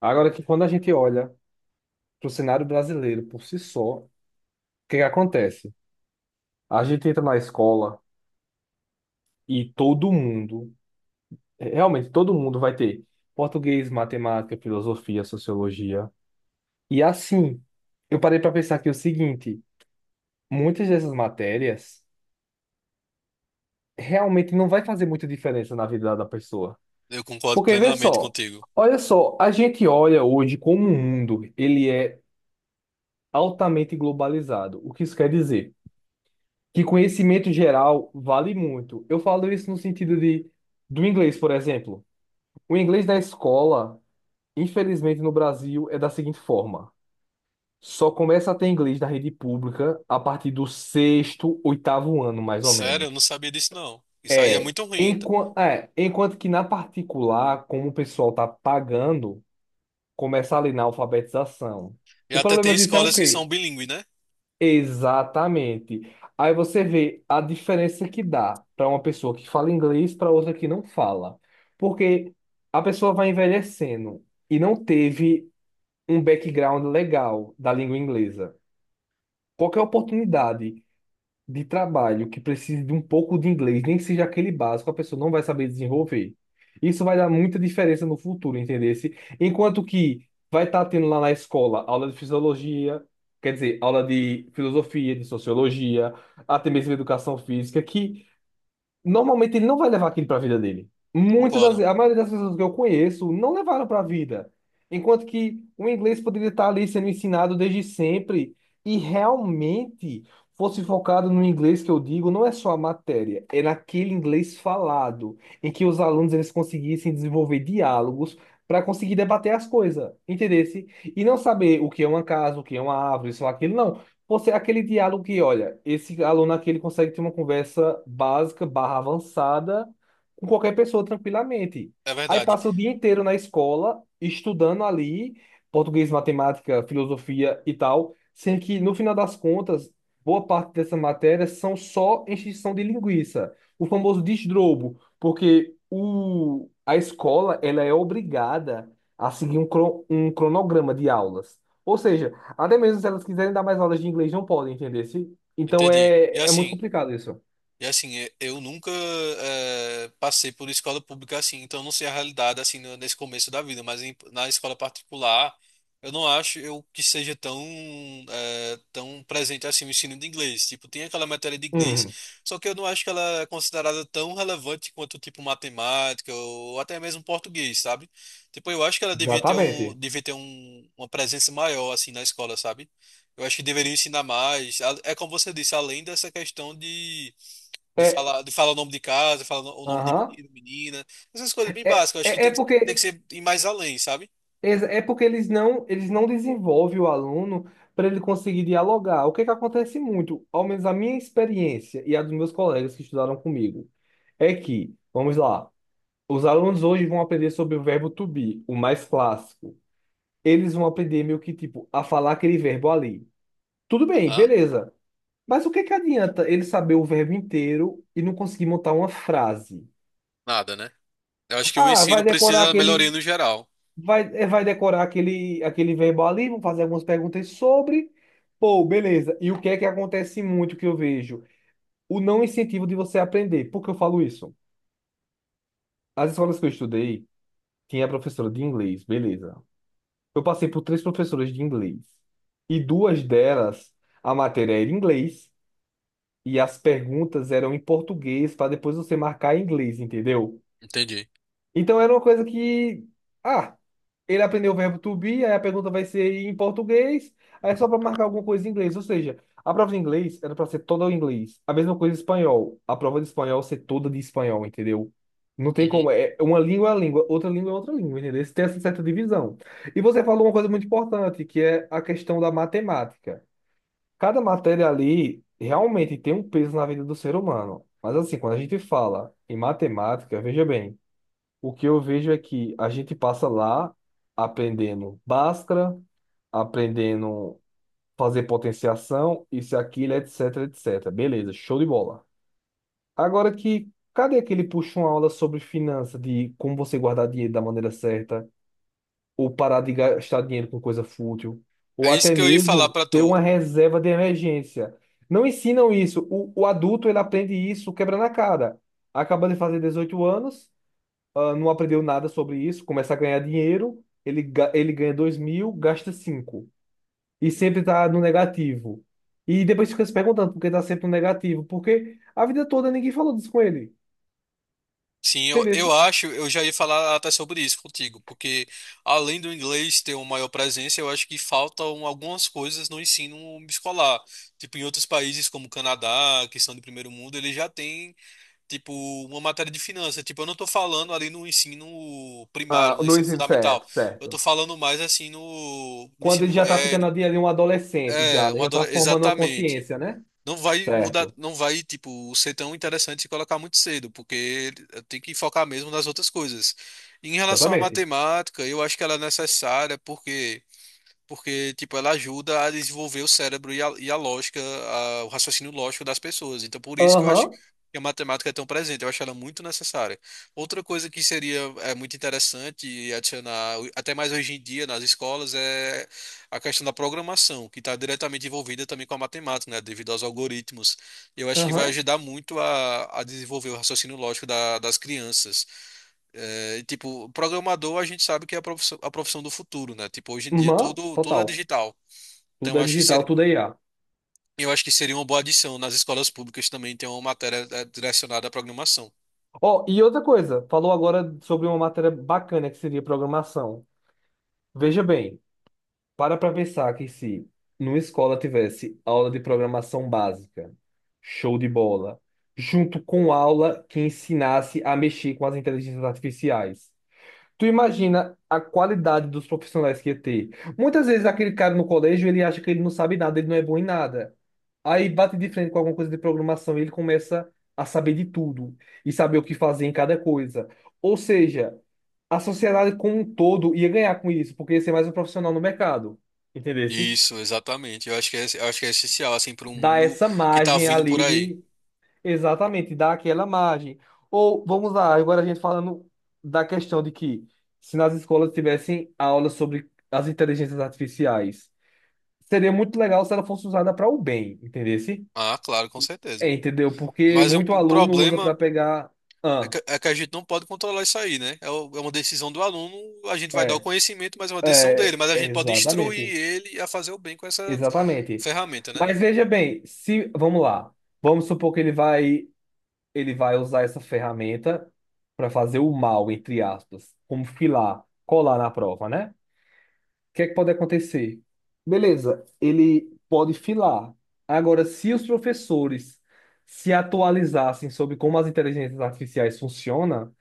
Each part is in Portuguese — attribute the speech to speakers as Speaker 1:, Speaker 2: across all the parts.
Speaker 1: Agora que quando a gente olha para o cenário brasileiro por si só, o que que acontece? A gente entra na escola e todo mundo, realmente todo mundo vai ter português, matemática, filosofia, sociologia. E assim, eu parei para pensar que é o seguinte, muitas dessas matérias realmente não vai fazer muita diferença na vida da pessoa.
Speaker 2: Eu concordo
Speaker 1: Porque vê
Speaker 2: plenamente
Speaker 1: só,
Speaker 2: contigo.
Speaker 1: olha só, a gente olha hoje como o mundo, ele é altamente globalizado. O que isso quer dizer? Que conhecimento geral vale muito. Eu falo isso no sentido de do inglês, por exemplo. O inglês da escola, infelizmente no Brasil, é da seguinte forma: só começa a ter inglês da rede pública a partir do sexto, oitavo ano, mais ou
Speaker 2: Sério, eu
Speaker 1: menos.
Speaker 2: não sabia disso, não. Isso aí é
Speaker 1: É,
Speaker 2: muito ruim.
Speaker 1: enquanto que na particular, como o pessoal tá pagando, começa ali na alfabetização.
Speaker 2: E
Speaker 1: O
Speaker 2: até tem
Speaker 1: problema disso é o
Speaker 2: escolas que
Speaker 1: quê?
Speaker 2: são bilíngues, né?
Speaker 1: Exatamente. Aí você vê a diferença que dá para uma pessoa que fala inglês para outra que não fala. Porque a pessoa vai envelhecendo e não teve um background legal da língua inglesa. Qualquer oportunidade de trabalho que precise de um pouco de inglês, nem que seja aquele básico, a pessoa não vai saber desenvolver. Isso vai dar muita diferença no futuro, entendeu? Enquanto que vai estar tendo lá na escola aula de fisiologia, quer dizer, aula de filosofia, de sociologia, até mesmo educação física. Que Normalmente ele não vai levar aquilo para a vida dele. Muitas das,
Speaker 2: Concordam.
Speaker 1: a maioria das pessoas que eu conheço não levaram para a vida. Enquanto que o inglês poderia estar ali sendo ensinado desde sempre e realmente fosse focado no inglês que eu digo, não é só a matéria, é naquele inglês falado, em que os alunos eles conseguissem desenvolver diálogos para conseguir debater as coisas, entendesse? E não saber o que é uma casa, o que é uma árvore, isso ou aquilo, não. Você, aquele diálogo que, olha, esse aluno aqui ele consegue ter uma conversa básica barra avançada com qualquer pessoa tranquilamente.
Speaker 2: É
Speaker 1: Aí
Speaker 2: verdade.
Speaker 1: passa o dia inteiro na escola, estudando ali, português, matemática, filosofia e tal, sendo que, no final das contas, boa parte dessas matérias são só encheção de linguiça. O famoso desdrobo, porque a escola ela é obrigada a seguir um cronograma de aulas. Ou seja, até mesmo se elas quiserem dar mais aulas de inglês, não podem, entender? Então
Speaker 2: Entendi. E
Speaker 1: é muito
Speaker 2: assim.
Speaker 1: complicado isso.
Speaker 2: Eu nunca passei por escola pública assim, então eu não sei a realidade assim nesse começo da vida, mas na escola particular, eu não acho eu que seja tão tão presente assim o ensino de inglês. Tipo, tem aquela matéria de inglês,
Speaker 1: Hum,
Speaker 2: só que eu não acho que ela é considerada tão relevante quanto tipo matemática ou até mesmo português, sabe? Tipo, eu acho que ela devia ter um
Speaker 1: exatamente.
Speaker 2: devia ter um, uma presença maior assim na escola, sabe? Eu acho que deveria ensinar mais. É como você disse, além dessa questão de
Speaker 1: É,
Speaker 2: falar, de falar o nome de casa, falar o nome de
Speaker 1: aham.
Speaker 2: menino, menina. Essas coisas bem
Speaker 1: É,
Speaker 2: básicas. Eu acho que
Speaker 1: é, é
Speaker 2: tem que, Tem que
Speaker 1: porque
Speaker 2: ser ir mais além, sabe?
Speaker 1: é porque eles não desenvolvem o aluno para ele conseguir dialogar. O que é que acontece muito, ao menos a minha experiência e a dos meus colegas que estudaram comigo, é que, vamos lá, os alunos hoje vão aprender sobre o verbo to be, o mais clássico. Eles vão aprender meio que tipo a falar aquele verbo ali. Tudo bem,
Speaker 2: Aham,
Speaker 1: beleza. Mas o que que adianta ele saber o verbo inteiro e não conseguir montar uma frase?
Speaker 2: nada, né? Eu acho que o
Speaker 1: Ah, vai
Speaker 2: ensino
Speaker 1: decorar
Speaker 2: precisa de
Speaker 1: aquele,
Speaker 2: melhoria no geral.
Speaker 1: vai, eh, vai decorar aquele verbo ali, vamos fazer algumas perguntas sobre. Pô, beleza. E o que é que acontece muito que eu vejo? O não incentivo de você aprender. Por que eu falo isso? As escolas que eu estudei, tinha professora de inglês, beleza. Eu passei por três professoras de inglês. E duas delas, a matéria era em inglês e as perguntas eram em português para depois você marcar em inglês, entendeu?
Speaker 2: Entendi.
Speaker 1: Então era uma coisa que. Ah, ele aprendeu o verbo to be, aí a pergunta vai ser em português, aí é só para marcar alguma coisa em inglês. Ou seja, a prova de inglês era para ser toda em inglês. A mesma coisa em espanhol. A prova de espanhol ser toda de espanhol, entendeu? Não tem
Speaker 2: Uhum.
Speaker 1: como. É uma língua, outra língua é outra língua, entendeu? Tem essa certa divisão. E você falou uma coisa muito importante, que é a questão da matemática. Cada matéria ali realmente tem um peso na vida do ser humano. Mas assim, quando a gente fala em matemática, veja bem. O que eu vejo é que a gente passa lá aprendendo Bhaskara, aprendendo fazer potenciação, isso e aquilo, etc, etc. Beleza, show de bola. Agora que, cadê aquele puxa uma aula sobre finança, de como você guardar dinheiro da maneira certa, ou parar de gastar dinheiro com coisa fútil,
Speaker 2: É
Speaker 1: ou
Speaker 2: isso
Speaker 1: até
Speaker 2: que eu ia falar
Speaker 1: mesmo
Speaker 2: pra
Speaker 1: ter
Speaker 2: tu.
Speaker 1: uma reserva de emergência. Não ensinam isso. O adulto, ele aprende isso quebra na cara. Acaba de fazer 18 anos, ah, não aprendeu nada sobre isso, começa a ganhar dinheiro, ele ganha 2.000, gasta cinco. E sempre tá no negativo. E depois fica se perguntando por que tá sempre no negativo, porque a vida toda ninguém falou disso com ele.
Speaker 2: Sim, eu
Speaker 1: Entendeu?
Speaker 2: acho, eu já ia falar até sobre isso contigo, porque além do inglês ter uma maior presença, eu acho que faltam algumas coisas no ensino escolar. Tipo, em outros países como o Canadá, que são de primeiro mundo, eles já têm. Tipo, uma matéria de finanças. Tipo, eu não tô falando ali no ensino primário,
Speaker 1: Ah,
Speaker 2: no
Speaker 1: no
Speaker 2: ensino
Speaker 1: ensino,
Speaker 2: fundamental.
Speaker 1: certo,
Speaker 2: Eu tô
Speaker 1: certo.
Speaker 2: falando mais assim no
Speaker 1: Quando ele
Speaker 2: ensino
Speaker 1: já tá ficando
Speaker 2: médio.
Speaker 1: ali um adolescente já,
Speaker 2: É,
Speaker 1: né? Já tá formando uma
Speaker 2: exatamente.
Speaker 1: consciência, né?
Speaker 2: Não vai mudar,
Speaker 1: Certo.
Speaker 2: não vai, tipo, ser tão interessante se colocar muito cedo, porque tem que focar mesmo nas outras coisas. Em relação à
Speaker 1: Exatamente.
Speaker 2: matemática, eu acho que ela é necessária, porque porque tipo ela ajuda a desenvolver o cérebro e a lógica, o raciocínio lógico das pessoas. Então por isso que eu acho
Speaker 1: Aham,
Speaker 2: que a matemática é tão presente, eu acho ela muito necessária. Outra coisa que seria muito interessante e adicionar até mais hoje em dia nas escolas é a questão da programação, que está diretamente envolvida também com a matemática, né, devido aos algoritmos. Eu acho que vai
Speaker 1: aham,
Speaker 2: ajudar muito a desenvolver o raciocínio lógico das crianças. É, tipo, programador a gente sabe que é a profissão do futuro, né? Tipo, hoje em dia
Speaker 1: aham,
Speaker 2: tudo é
Speaker 1: total.
Speaker 2: digital. Então,
Speaker 1: Tudo é digital, tudo é IA.
Speaker 2: eu acho que seria uma boa adição nas escolas públicas também ter uma matéria direcionada à programação.
Speaker 1: Ó, e outra coisa, falou agora sobre uma matéria bacana que seria programação. Veja bem, para pensar que se numa escola tivesse aula de programação básica, show de bola, junto com aula que ensinasse a mexer com as inteligências artificiais. Tu imagina a qualidade dos profissionais que ia ter. Muitas vezes aquele cara no colégio, ele acha que ele não sabe nada, ele não é bom em nada. Aí bate de frente com alguma coisa de programação e ele começa a saber de tudo e saber o que fazer em cada coisa. Ou seja, a sociedade como um todo ia ganhar com isso, porque ia ser mais um profissional no mercado. Entendesse?
Speaker 2: Isso, exatamente. Eu acho que é essencial, assim, para um
Speaker 1: Dá
Speaker 2: mundo
Speaker 1: essa
Speaker 2: que tá
Speaker 1: margem
Speaker 2: vindo por
Speaker 1: ali
Speaker 2: aí.
Speaker 1: de. Exatamente, dá aquela margem. Ou, vamos lá, agora a gente falando da questão de que se nas escolas tivessem aulas sobre as inteligências artificiais, seria muito legal se ela fosse usada para o bem, entendeu?
Speaker 2: Ah, claro, com certeza.
Speaker 1: É, entendeu? Porque
Speaker 2: Mas o,
Speaker 1: muito
Speaker 2: o
Speaker 1: aluno usa para
Speaker 2: problema
Speaker 1: pegar. Ah,
Speaker 2: é que a gente não pode controlar isso aí, né? É, é uma decisão do aluno, a gente vai dar o
Speaker 1: é,
Speaker 2: conhecimento, mas é uma decisão dele. Mas a gente pode instruir
Speaker 1: exatamente,
Speaker 2: ele a fazer o bem com essa
Speaker 1: exatamente.
Speaker 2: ferramenta, né?
Speaker 1: Mas veja bem, se vamos lá, vamos supor que ele vai usar essa ferramenta para fazer o mal, entre aspas, como filar, colar na prova, né? O que é que pode acontecer? Beleza, ele pode filar. Agora, se os professores se atualizassem sobre como as inteligências artificiais funcionam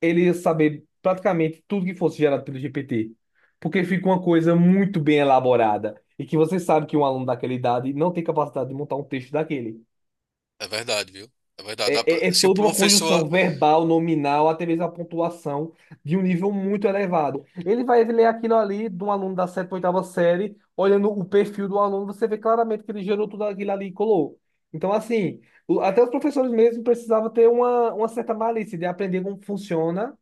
Speaker 1: ele ia saber praticamente tudo que fosse gerado pelo GPT. Porque fica uma coisa muito bem elaborada. E que você sabe que um aluno daquela idade não tem capacidade de montar um texto daquele.
Speaker 2: É verdade, viu? É verdade. Dá pra-.
Speaker 1: É
Speaker 2: Se o
Speaker 1: toda uma
Speaker 2: professor.
Speaker 1: conjunção verbal, nominal, até mesmo a pontuação de um nível muito elevado. Ele vai ler aquilo ali de um aluno da sétima, oitava série, olhando o perfil do aluno, você vê claramente que ele gerou tudo aquilo ali e colou. Então, assim, até os professores mesmo precisavam ter uma certa malícia de aprender como funciona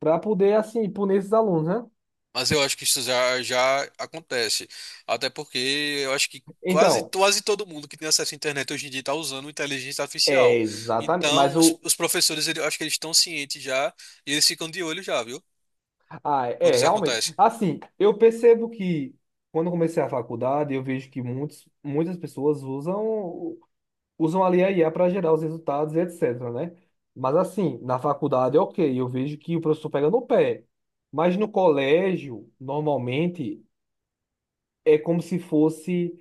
Speaker 1: para poder, assim, punir esses alunos, né?
Speaker 2: Mas eu acho que isso já, já acontece. Até porque eu acho que quase,
Speaker 1: Então,
Speaker 2: quase todo mundo que tem acesso à internet hoje em dia está usando inteligência
Speaker 1: é
Speaker 2: artificial.
Speaker 1: exatamente. Mas
Speaker 2: Então, os,
Speaker 1: o.
Speaker 2: os professores, eu acho que eles estão cientes já e eles ficam de olho já, viu?
Speaker 1: Ah,
Speaker 2: Quando
Speaker 1: é,
Speaker 2: isso
Speaker 1: realmente.
Speaker 2: acontece.
Speaker 1: Assim, eu percebo que quando eu comecei a faculdade, eu vejo que muitas pessoas usam ali a IA para gerar os resultados e etc, né? Mas, assim, na faculdade, ok, eu vejo que o professor pega no pé. Mas no colégio, normalmente, é como se fosse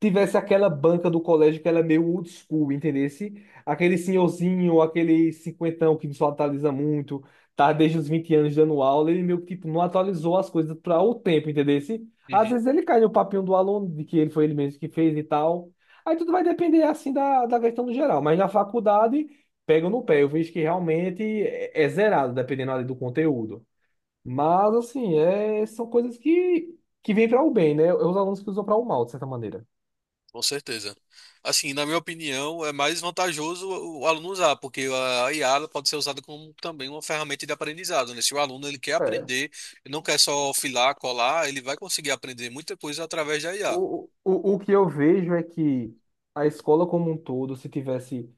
Speaker 1: tivesse aquela banca do colégio que ela é meio old school, entendesse? Aquele senhorzinho, aquele cinquentão que só atualiza muito, tá desde os 20 anos dando aula, ele meio que tipo, não atualizou as coisas para o tempo, entendesse? Às
Speaker 2: Uhum.
Speaker 1: vezes ele cai no papinho do aluno, de que ele foi ele mesmo que fez e tal. Aí tudo vai depender, assim, da questão do geral. Mas na faculdade, pega no pé. Eu vejo que realmente é zerado, dependendo ali do conteúdo. Mas, assim, é, são coisas que vêm para o bem, né? Os alunos que usam para o mal, de certa maneira.
Speaker 2: Com certeza. Assim, na minha opinião, é mais vantajoso o aluno usar, porque a IA ela pode ser usada como também uma ferramenta de aprendizado, né? Se o aluno ele quer
Speaker 1: É.
Speaker 2: aprender, ele não quer só filar, colar, ele vai conseguir aprender muita coisa através da IA.
Speaker 1: O que eu vejo é que a escola como um todo, se tivesse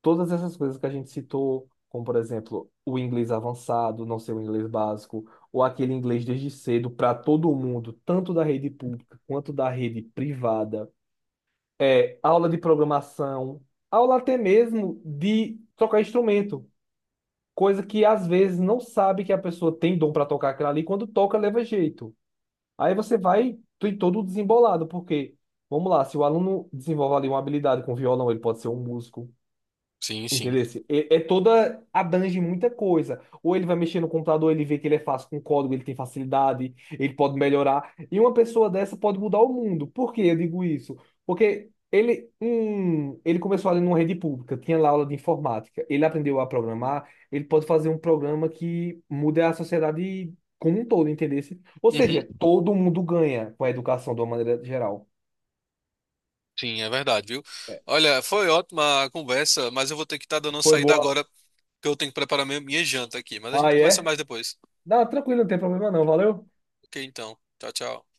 Speaker 1: todas essas coisas que a gente citou, como por exemplo, o inglês avançado, não ser o inglês básico, ou aquele inglês desde cedo para todo mundo, tanto da rede pública quanto da rede privada, é, aula de programação, aula até mesmo de tocar instrumento. Coisa que às vezes não sabe que a pessoa tem dom para tocar aquilo ali, quando toca, leva jeito. Aí você vai tem todo desembolado, porque, vamos lá, se o aluno desenvolve ali uma habilidade com violão, ele pode ser um músico.
Speaker 2: Sim, sim.
Speaker 1: Entendeu? É toda, abrange muita coisa. Ou ele vai mexer no computador, ele vê que ele é fácil com código, ele tem facilidade, ele pode melhorar. E uma pessoa dessa pode mudar o mundo. Por que eu digo isso? Porque ele começou ali numa rede pública, tinha lá aula de informática, ele aprendeu a programar, ele pode fazer um programa que mude a sociedade como um todo, entendeu? Ou
Speaker 2: Uhum.
Speaker 1: seja, todo mundo ganha com a educação de uma maneira geral.
Speaker 2: Sim, é verdade, viu? Olha, foi ótima a conversa, mas eu vou ter que estar dando uma
Speaker 1: Foi
Speaker 2: saída
Speaker 1: boa.
Speaker 2: agora, porque eu tenho que preparar minha janta aqui. Mas a
Speaker 1: Ah,
Speaker 2: gente conversa
Speaker 1: é?
Speaker 2: mais depois.
Speaker 1: Não, tranquilo, não tem problema não, valeu?
Speaker 2: Ok, então. Tchau, tchau.